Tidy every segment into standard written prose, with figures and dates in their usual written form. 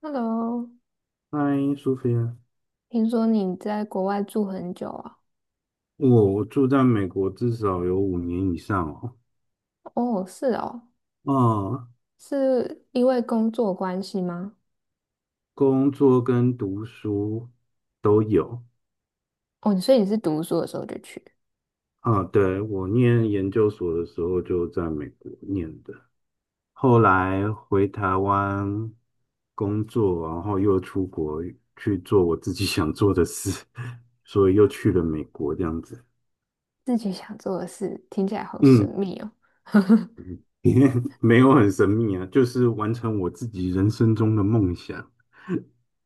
Hello，嗨，苏菲亚，听说你在国外住很久啊？我住在美国至少有5年以上哦。哦，是哦，嗯，是因为工作关系吗？工作跟读书都有。哦，所以你是读书的时候就去，啊，对，我念研究所的时候就在美国念的，后来回台湾工作，然后又出国去做我自己想做的事，所以又去了美国这样子。自己想做的事，听起来好神嗯，秘哦。没有很神秘啊，就是完成我自己人生中的梦想。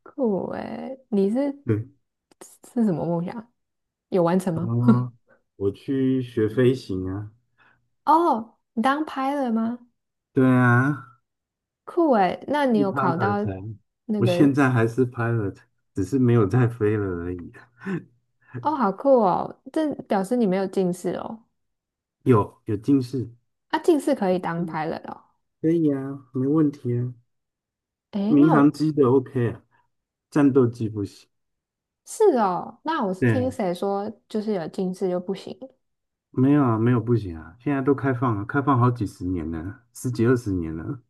酷诶，你是对，是什么梦想？有完成吗？哦，我去学飞行啊。哦，你当拍了 l 吗？对啊，酷诶，那你是 有考到 pilot 啊。那我个？现在还是 pilot，只是没有在飞了而已。哦，好酷哦，这表示你没有近视哦。有近视。啊，近视可以当嗯，拍了 l 哦。可以啊，没问题啊。诶，民那航我。机的 OK 啊，战斗机不行。是哦，那我是对听啊，谁说，就是有近视就不行。没有啊，没有不行啊，现在都开放了，开放好几十年了，十几二十年了。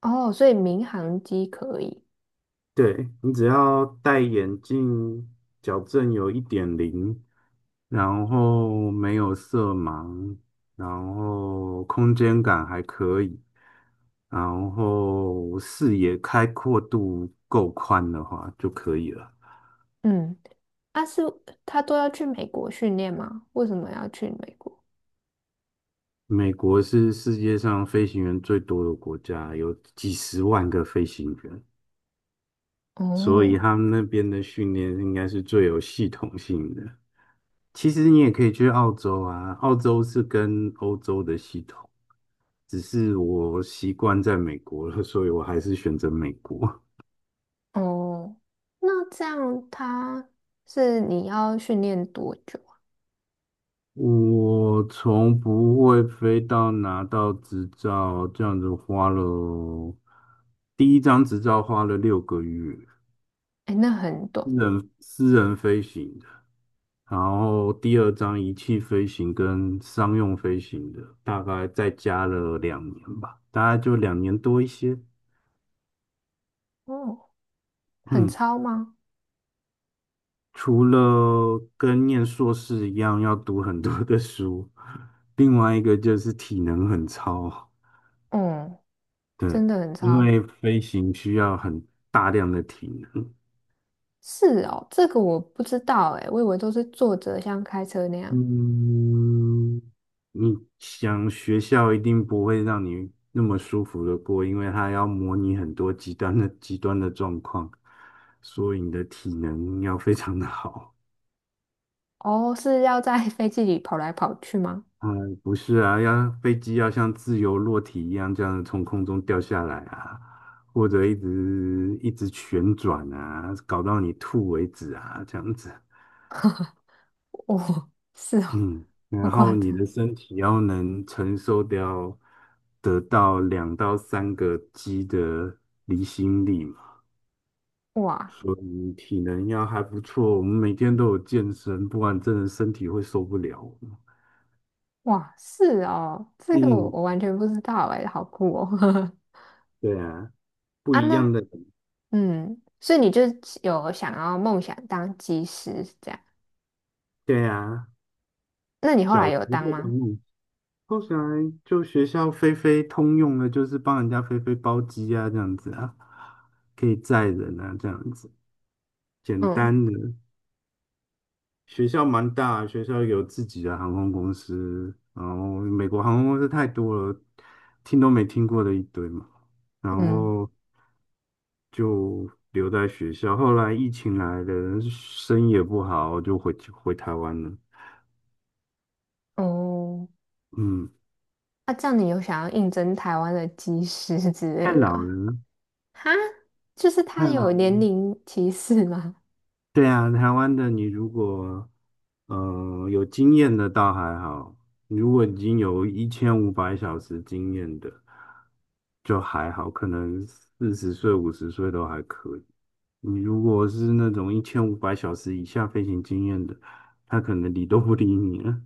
哦，所以民航机可以。对，你只要戴眼镜，矫正有1.0，然后没有色盲，然后空间感还可以，然后视野开阔度够宽的话就可以了。嗯，啊是，他都要去美国训练吗？为什么要去美国？美国是世界上飞行员最多的国家，有几十万个飞行员。所以哦他们那边的训练应该是最有系统性的。其实你也可以去澳洲啊，澳洲是跟欧洲的系统，只是我习惯在美国了，所以我还是选择美国。哦，那这样他是你要训练多久啊？我从不会飞到拿到执照，这样子花了，第一张执照花了6个月，哎，那很短私欸。人私人飞行的，然后第二张仪器飞行跟商用飞行的，大概再加了两年吧，大概就2年多一些。哦，很嗯，超吗？除了跟念硕士一样要读很多的书，另外一个就是体能很超。嗯，对，真的很因超。为飞行需要很大量的体能。是哦，这个我不知道哎，我以为都是坐着像开车那样。嗯，你想学校一定不会让你那么舒服的过，因为它要模拟很多极端的状况，所以你的体能要非常的好。哦，是要在 飞机里跑来跑去吗？不是啊，要飞机要像自由落体一样这样从空中掉下来啊，或者一直一直旋转啊，搞到你吐为止啊，这样子。哦，是哦，嗯，好然夸后你张！的身体要能承受掉得到2到3个 G 的离心力嘛，哇，所以体能要还不错。我们每天都有健身，不然真的身体会受不了。是哦，这个我嗯，我完全不知道哎，好酷哦！对啊，不啊，一那样的。嗯，所以你就有想要梦想当技师是这样？对啊，那你后来小时有候当的吗？梦想，后来就学校飞飞通用的，就是帮人家飞飞包机啊，这样子啊，可以载人啊，这样子，简嗯单的。学校蛮大，学校有自己的航空公司，然后美国航空公司太多了，听都没听过的一堆嘛，然嗯，后就留在学校。后来疫情来了，生意也不好，就回台湾了。哦，嗯，那这样你有想要应征台湾的技师之太类的老吗？了，哈，就是太他有老。年龄歧视吗？对啊，台湾的你如果有经验的倒还好，如果已经有一千五百小时经验的就还好，可能40岁、50岁都还可以。你如果是那种一千五百小时以下飞行经验的，他可能理都不理你了。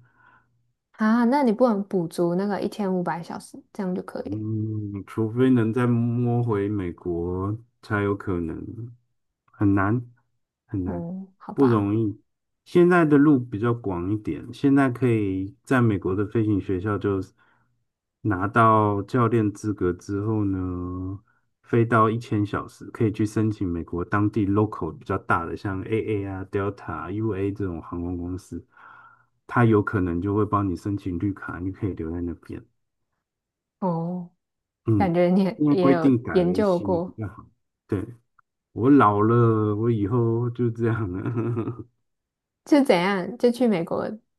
啊，那你不能补足那个1500小时，这样就可以了。嗯，除非能再摸回美国，才有可能，很难很难，嗯，好不吧。容易。现在的路比较广一点，现在可以在美国的飞行学校就拿到教练资格之后呢，飞到1000小时，可以去申请美国当地 local 比较大的，像 AA 啊、Delta、UA 这种航空公司，它有可能就会帮你申请绿卡，你可以留在那边。哦。感嗯，觉你也因为也规有定改研了一究些比过，较好。对，我老了，我以后就这样了。就怎样就去美国？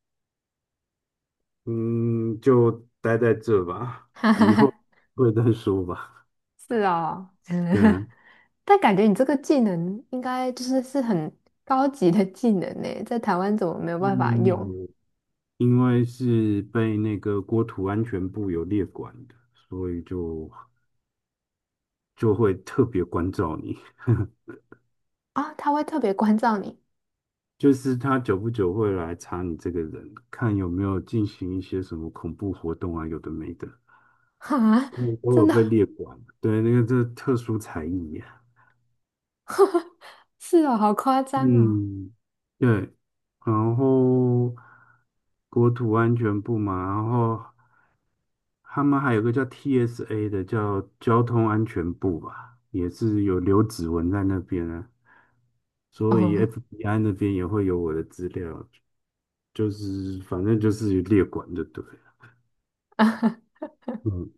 嗯，就待在这吧，哈哈以后哈，会再说吧。是哦，对啊，但感觉你这个技能应该就是很高级的技能呢，在台湾怎么没有办因法为用有因为是被那个国土安全部有列管的，所以就会特别关照你，啊？他会特别关照你，就是他久不久会来查你这个人，看有没有进行一些什么恐怖活动啊，有的没的。哈，嗯，都真有被的列管。对，那个这特殊才艺啊。是哦，好夸张哦。嗯，对，然后国土安全部嘛，然后他们还有个叫 TSA 的，叫交通安全部吧，也是有留指纹在那边啊，所以 哦，FBI 那边也会有我的资料，就是反正就是列管就对了。嗯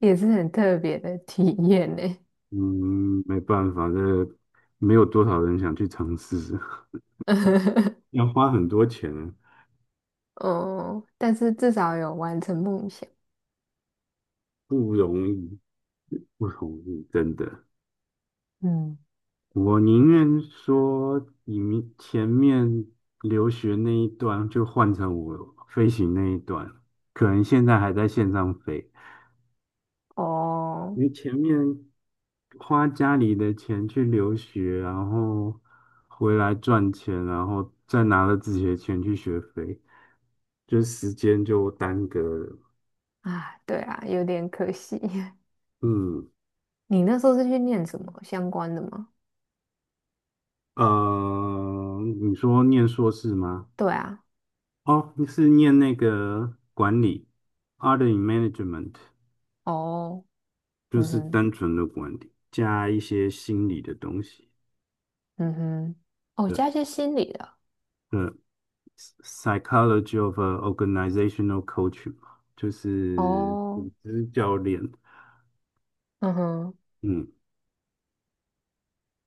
也是很特别的体验呢。嗯，没办法，这没有多少人想去尝试，要花很多钱。哦，但是至少有完成梦想。不容易，不容易，真的。嗯，我宁愿说你们前面留学那一段就换成我飞行那一段，可能现在还在线上飞，哦，因为前面花家里的钱去留学，然后回来赚钱，然后再拿了自己的钱去学飞，就时间就耽搁了。啊，对啊，有点可惜。嗯，你那时候是去念什么相关的吗？你说念硕士吗？对啊，哦，你是念那个管理 a r d in Management),哦，就嗯是哼，单纯的管理，加一些心理的东西。嗯哼，哦，对，加一些心理的，呃，Psychology of a Organizational Coaching 嘛，就是哦，组织教练。嗯哼，嗯，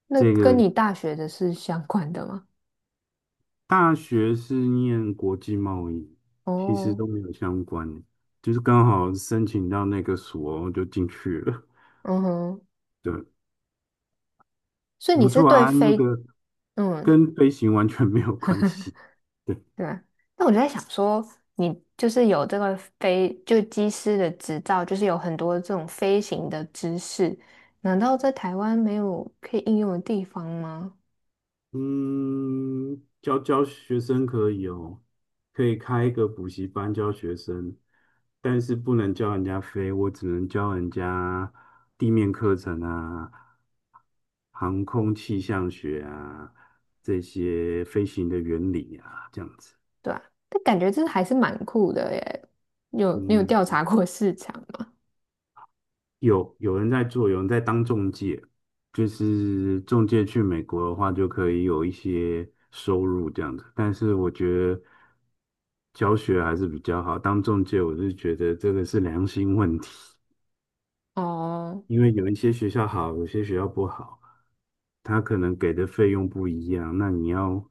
那这跟个你大学的是相关的吗？大学是念国际贸易，其实哦，都没有相关，的，就是刚好申请到那个所就进去了。嗯哼，对，所以你不是错对啊，那非，个嗯，跟飞行完全没有关系。对啊，那我就在想说，你就是有这个飞，就机师的执照，就是有很多这种飞行的知识，难道在台湾没有可以应用的地方吗？嗯，教教学生可以哦，可以开一个补习班教学生，但是不能教人家飞，我只能教人家地面课程啊、航空气象学啊这些飞行的原理啊，这样子。对啊，但感觉这还是蛮酷的耶。你有调嗯，查过市场吗？有人在做，有人在当中介，就是中介去美国的话，就可以有一些收入这样子。但是我觉得教学还是比较好，当中介我是觉得这个是良心问题，哦因为有一些学校好，有些学校不好，他可能给的费用不一样，那你要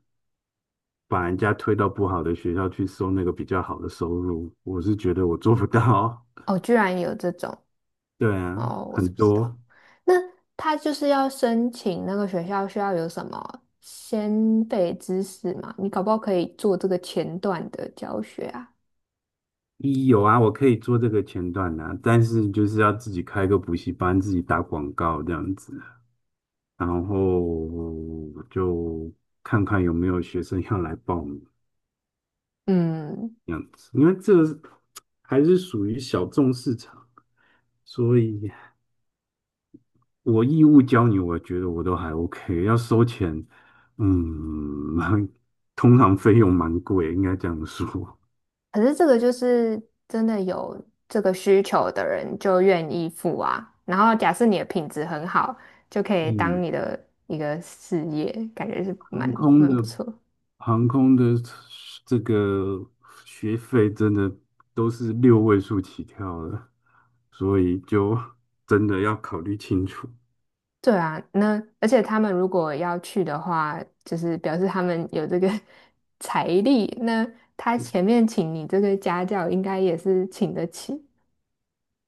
把人家推到不好的学校去收那个比较好的收入，我是觉得我做不到。哦，居然有这种。 对啊，哦，我是很不知道。多。那他就是要申请那个学校需要有什么先备知识吗？你搞不好可以做这个前段的教学啊。一有啊，我可以做这个前段啊，但是就是要自己开个补习班，自己打广告这样子啊，然后就看看有没有学生要来报名嗯，这样子，因为这个还是属于小众市场，所以我义务教你，我觉得我都还 OK,要收钱，嗯，通常费用蛮贵，应该这样说。可是这个就是真的有这个需求的人就愿意付啊。然后假设你的品质很好，就可以当嗯，你的一个事业，感觉是蛮航空蛮的不错。航空的这个学费真的都是六位数起跳的，所以就真的要考虑清楚。对啊，那而且他们如果要去的话，就是表示他们有这个 财力，那他前面请你这个家教，应该也是请得起。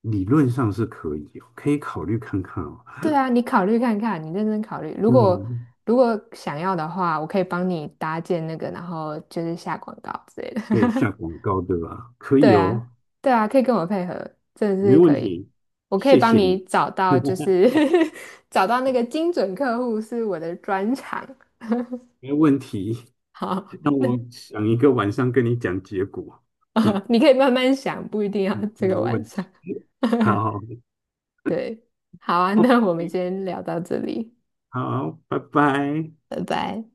理论上是可以哦，可以考虑看看哦。对啊，你考虑看看，你认真考虑。如对啊，果如果想要的话，我可以帮你搭建那个，然后就是下广告之类的。可以下 广告对吧？可对以啊，哦，对啊，可以跟我配合，真的没是问可以。题，我可以谢帮谢你你，找到，就是 找到那个精准客户是我的专长。没问题。好，让那 我想一个晚上跟你讲结果。嗯，你可以慢慢想，不一定要这没个晚问上。题。好对，好啊，那我们，OK,先聊到这里，好，拜拜。拜拜。